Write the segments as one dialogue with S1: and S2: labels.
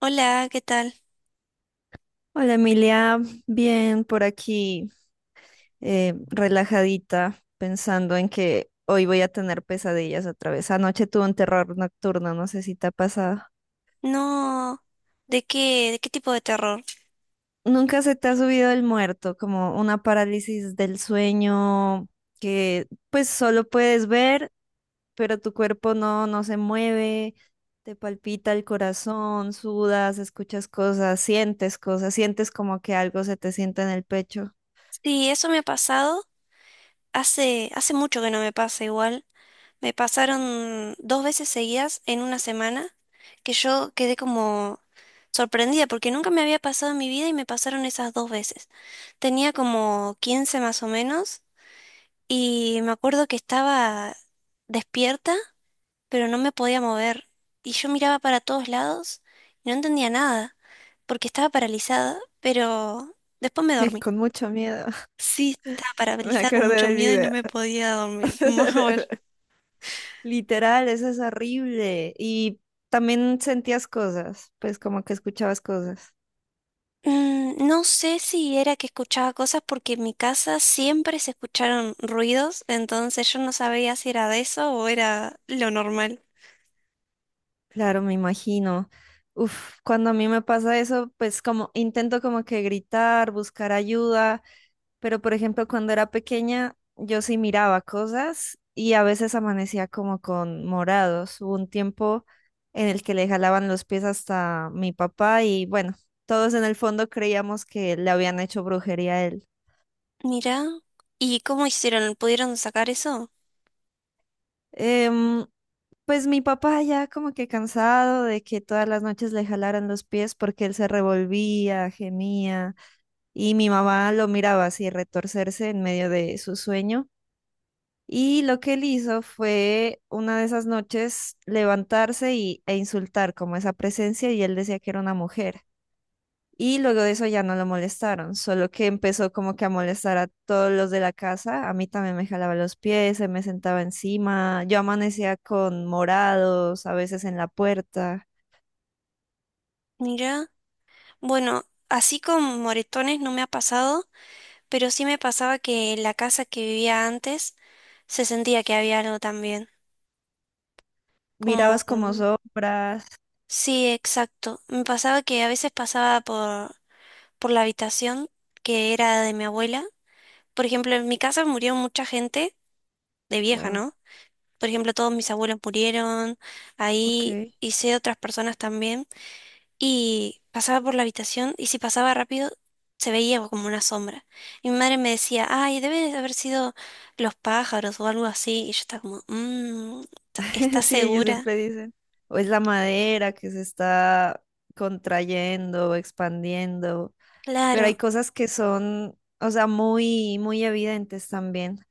S1: Hola, ¿qué tal?
S2: Hola Emilia, bien por aquí, relajadita, pensando en que hoy voy a tener pesadillas otra vez. Anoche tuve un terror nocturno, no sé si te ha pasado.
S1: No, de qué tipo de terror?
S2: ¿Nunca se te ha subido el muerto? Como una parálisis del sueño que pues solo puedes ver, pero tu cuerpo no se mueve, te palpita el corazón, sudas, escuchas cosas, sientes como que algo se te sienta en el pecho,
S1: Sí, eso me ha pasado. Hace mucho que no me pasa igual. Me pasaron dos veces seguidas en una semana que yo quedé como sorprendida porque nunca me había pasado en mi vida y me pasaron esas dos veces. Tenía como 15 más o menos y me acuerdo que estaba despierta, pero no me podía mover. Y yo miraba para todos lados y no entendía nada, porque estaba paralizada, pero después me dormí.
S2: con mucho miedo.
S1: Sí, estaba
S2: Me
S1: paralizada con
S2: acordé
S1: mucho
S2: del
S1: miedo y no
S2: video.
S1: me podía dormir, mover.
S2: Literal, eso es horrible. Y también sentías cosas, pues como que escuchabas cosas.
S1: Mm, no sé si era que escuchaba cosas porque en mi casa siempre se escucharon ruidos, entonces yo no sabía si era de eso o era lo normal.
S2: Claro, me imagino. Uf, cuando a mí me pasa eso, pues como intento como que gritar, buscar ayuda. Pero, por ejemplo, cuando era pequeña, yo sí miraba cosas y a veces amanecía como con morados. Hubo un tiempo en el que le jalaban los pies hasta mi papá y bueno, todos en el fondo creíamos que le habían hecho brujería a él.
S1: Mira, ¿y cómo hicieron? ¿Pudieron sacar eso?
S2: Em, pues mi papá ya como que cansado de que todas las noches le jalaran los pies porque él se revolvía, gemía y mi mamá lo miraba así retorcerse en medio de su sueño. Y lo que él hizo fue una de esas noches levantarse y, e insultar como esa presencia, y él decía que era una mujer. Y luego de eso ya no lo molestaron, solo que empezó como que a molestar a todos los de la casa. A mí también me jalaba los pies, se me sentaba encima. Yo amanecía con morados, a veces en la puerta.
S1: Mira, bueno, así con moretones no me ha pasado, pero sí me pasaba que en la casa que vivía antes se sentía que había algo también,
S2: Mirabas como
S1: como…
S2: sombras.
S1: Sí, exacto. Me pasaba que a veces por la habitación que era de mi abuela. Por ejemplo, en mi casa murió mucha gente de vieja,
S2: Wow,
S1: ¿no? Por ejemplo, todos mis abuelos murieron, ahí
S2: ok.
S1: hice otras personas también. Y pasaba por la habitación y si pasaba rápido se veía como una sombra. Y mi madre me decía, ay, debe de haber sido los pájaros o algo así. Y yo estaba como, mmm, ¿estás
S2: Sí, ellos
S1: segura?
S2: siempre dicen. O es la madera que se está contrayendo, expandiendo. Pero hay
S1: Claro.
S2: cosas que son, o sea, muy, muy evidentes también.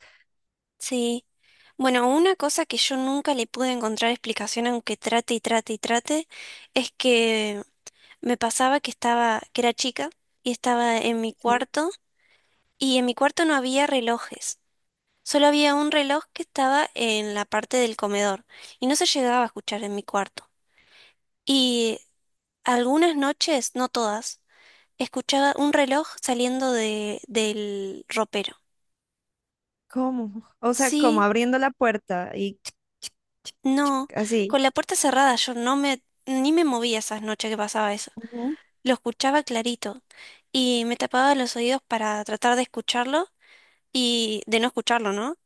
S1: Sí. Bueno, una cosa que yo nunca le pude encontrar explicación, aunque trate, es que me pasaba que era chica y estaba en mi
S2: Sí.
S1: cuarto y en mi cuarto no había relojes. Solo había un reloj que estaba en la parte del comedor y no se llegaba a escuchar en mi cuarto. Y algunas noches, no todas, escuchaba un reloj saliendo del ropero.
S2: ¿Cómo? O sea, como
S1: Sí.
S2: abriendo la puerta y ch-
S1: No,
S2: así.
S1: con la puerta cerrada yo ni me movía esas noches que pasaba eso.
S2: Ujú.
S1: Lo escuchaba clarito y me tapaba los oídos para tratar de escucharlo y de no escucharlo, ¿no?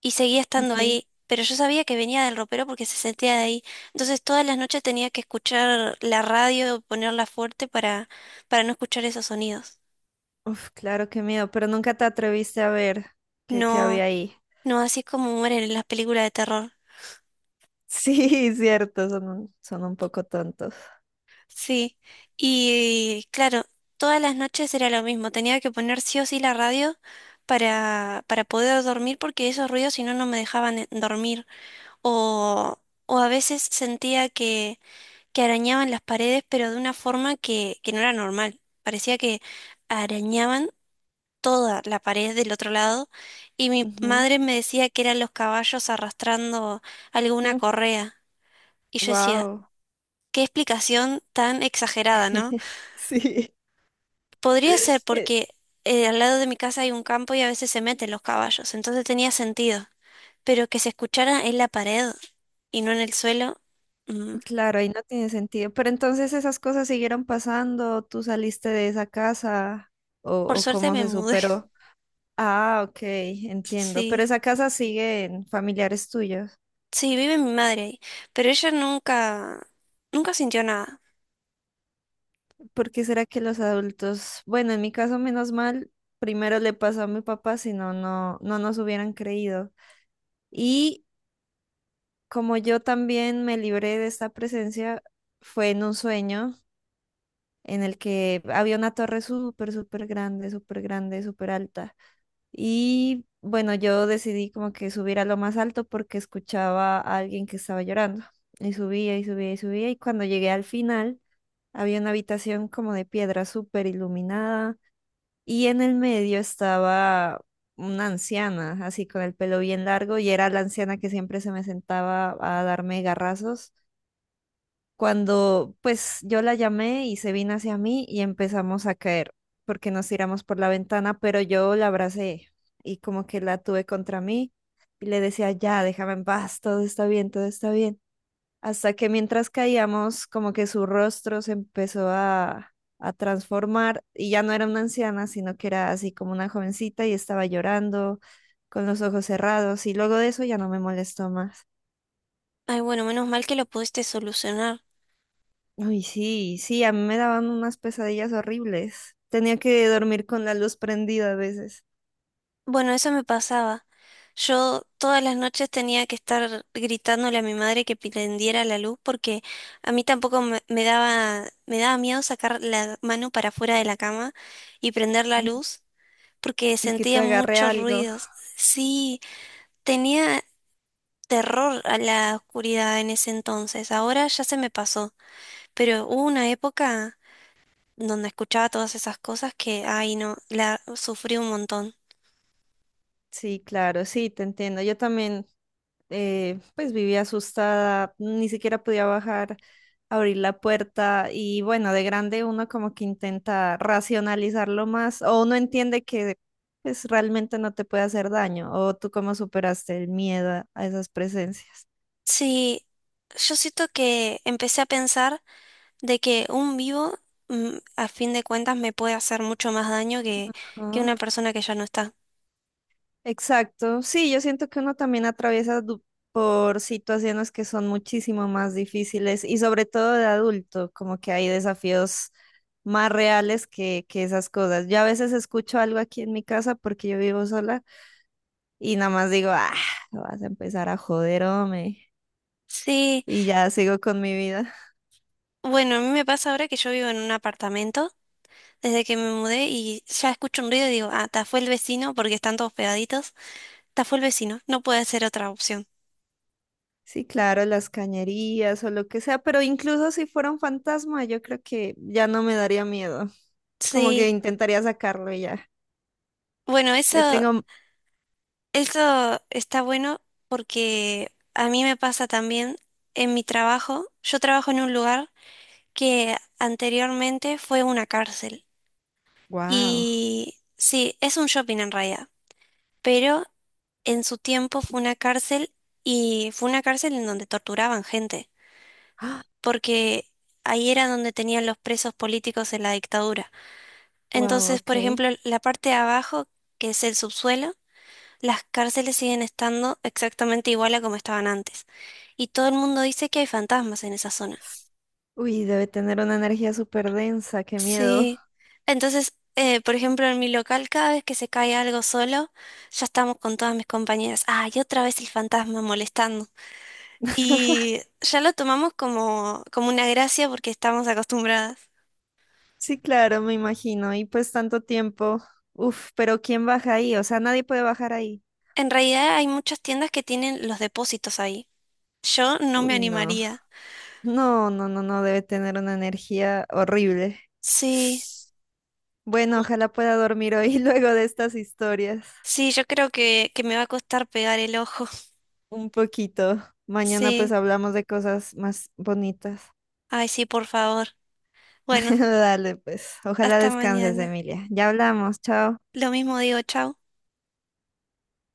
S1: Y seguía estando
S2: Ok.
S1: ahí, pero yo sabía que venía del ropero porque se sentía de ahí. Entonces todas las noches tenía que escuchar la radio, para no escuchar esos sonidos.
S2: Uf, claro, qué miedo, pero nunca te atreviste a ver qué había
S1: No,
S2: ahí.
S1: no, así es como mueren en las películas de terror.
S2: Sí, cierto, son un poco tontos.
S1: Sí, y claro, todas las noches era lo mismo, tenía que poner sí o sí para poder dormir porque esos ruidos si no no me dejaban dormir. O, o a veces sentía que arañaban las paredes pero de una forma que no era normal, parecía que arañaban toda la pared del otro lado y mi madre me decía que eran los caballos arrastrando alguna correa y yo decía,
S2: Wow.
S1: qué explicación tan exagerada, ¿no?
S2: Sí.
S1: Podría ser
S2: Eh,
S1: porque al lado de mi casa hay un campo y a veces se meten los caballos, entonces tenía sentido. Pero que se escuchara en la pared y no en el suelo, mm…
S2: claro, ahí no tiene sentido. Pero entonces esas cosas siguieron pasando, ¿tú saliste de esa casa
S1: Por
S2: o
S1: suerte
S2: cómo
S1: me
S2: se
S1: mudé.
S2: superó? Ah, ok, entiendo. Pero
S1: Sí,
S2: esa casa sigue en familiares tuyos.
S1: sí, vive mi madre ahí, pero ella nunca sintió nada.
S2: ¿Por qué será que los adultos? Bueno, en mi caso, menos mal, primero le pasó a mi papá, si no, no nos hubieran creído. Y como yo también me libré de esta presencia, fue en un sueño en el que había una torre súper, súper grande, súper grande, súper alta. Y bueno, yo decidí como que subir a lo más alto porque escuchaba a alguien que estaba llorando. Y subía y subía y subía. Y cuando llegué al final, había una habitación como de piedra súper iluminada. Y en el medio estaba una anciana, así con el pelo bien largo. Y era la anciana que siempre se me sentaba a darme garrazos cuando, pues yo la llamé y se vino hacia mí y empezamos a caer porque nos tiramos por la ventana, pero yo la abracé y como que la tuve contra mí y le decía, ya, déjame en paz, todo está bien, todo está bien. Hasta que mientras caíamos, como que su rostro se empezó a transformar y ya no era una anciana, sino que era así como una jovencita y estaba llorando con los ojos cerrados, y luego de eso ya no me molestó más.
S1: Ay, bueno, menos mal que lo pudiste solucionar.
S2: Uy, sí, sí, a mí me daban unas pesadillas horribles. Tenía que dormir con la luz prendida a veces,
S1: Bueno, eso me pasaba. Yo todas las noches tenía que estar gritándole a mi madre que prendiera la luz porque a mí tampoco me, me daba miedo sacar la mano para afuera de la cama y prender la luz porque
S2: y que te
S1: sentía
S2: agarre
S1: muchos
S2: algo.
S1: ruidos. Sí, tenía terror a la oscuridad en ese entonces. Ahora ya se me pasó, pero hubo una época donde escuchaba todas esas cosas que, ay no, la sufrí un montón.
S2: Sí, claro, sí, te entiendo. Yo también, pues vivía asustada, ni siquiera podía bajar, abrir la puerta, y bueno, de grande uno como que intenta racionalizarlo más o uno entiende que pues realmente no te puede hacer daño. O tú, ¿cómo superaste el miedo a esas presencias?
S1: Sí, yo siento que empecé a pensar de que un vivo, mm, a fin de cuentas, me puede hacer mucho más daño que una persona que ya no está.
S2: Exacto, sí, yo siento que uno también atraviesa por situaciones que son muchísimo más difíciles, y sobre todo de adulto, como que hay desafíos más reales que esas cosas. Yo a veces escucho algo aquí en mi casa porque yo vivo sola y nada más digo, ah, vas a empezar a joder, hombre,
S1: Sí,
S2: y ya sigo con mi vida.
S1: bueno, a mí me pasa ahora que yo vivo en un apartamento desde que me mudé y ya escucho un ruido y digo, ah, ta fue el vecino porque están todos pegaditos, ta fue el vecino, no puede ser otra opción.
S2: Sí, claro, las cañerías o lo que sea, pero incluso si fuera un fantasma, yo creo que ya no me daría miedo, como que
S1: Sí,
S2: intentaría sacarlo y ya.
S1: bueno,
S2: Le tengo.
S1: eso está bueno porque a mí me pasa también en mi trabajo, yo trabajo en un lugar que anteriormente fue una cárcel.
S2: Wow.
S1: Y sí, es un shopping en realidad, pero en su tiempo fue una cárcel y fue una cárcel en donde torturaban gente, porque ahí era donde tenían los presos políticos en la dictadura.
S2: Wow,
S1: Entonces, por
S2: ok.
S1: ejemplo, la parte de abajo, que es el subsuelo, las cárceles siguen estando exactamente igual a como estaban antes. Y todo el mundo dice que hay fantasmas en esa zona.
S2: Uy, debe tener una energía súper densa, qué miedo.
S1: Sí, entonces, por ejemplo, en mi local, cada vez que se cae algo solo, ya estamos con todas mis compañeras. Ah, y otra vez el fantasma molestando. Y ya lo tomamos como, como una gracia porque estamos acostumbradas.
S2: Sí, claro, me imagino. Y pues tanto tiempo. Uf, pero ¿quién baja ahí? O sea, nadie puede bajar ahí.
S1: En realidad hay muchas tiendas que tienen los depósitos ahí. Yo no me
S2: Uy, no.
S1: animaría.
S2: No, no, no, no, debe tener una energía horrible.
S1: Sí,
S2: Bueno, ojalá pueda dormir hoy luego de estas historias.
S1: sí, yo creo que me va a costar pegar el ojo.
S2: Un poquito. Mañana pues
S1: Sí,
S2: hablamos de cosas más bonitas.
S1: ay, sí, por favor. Bueno,
S2: Dale, pues. Ojalá
S1: hasta
S2: descanses,
S1: mañana.
S2: Emilia. Ya hablamos. Chao.
S1: Lo mismo digo, chao.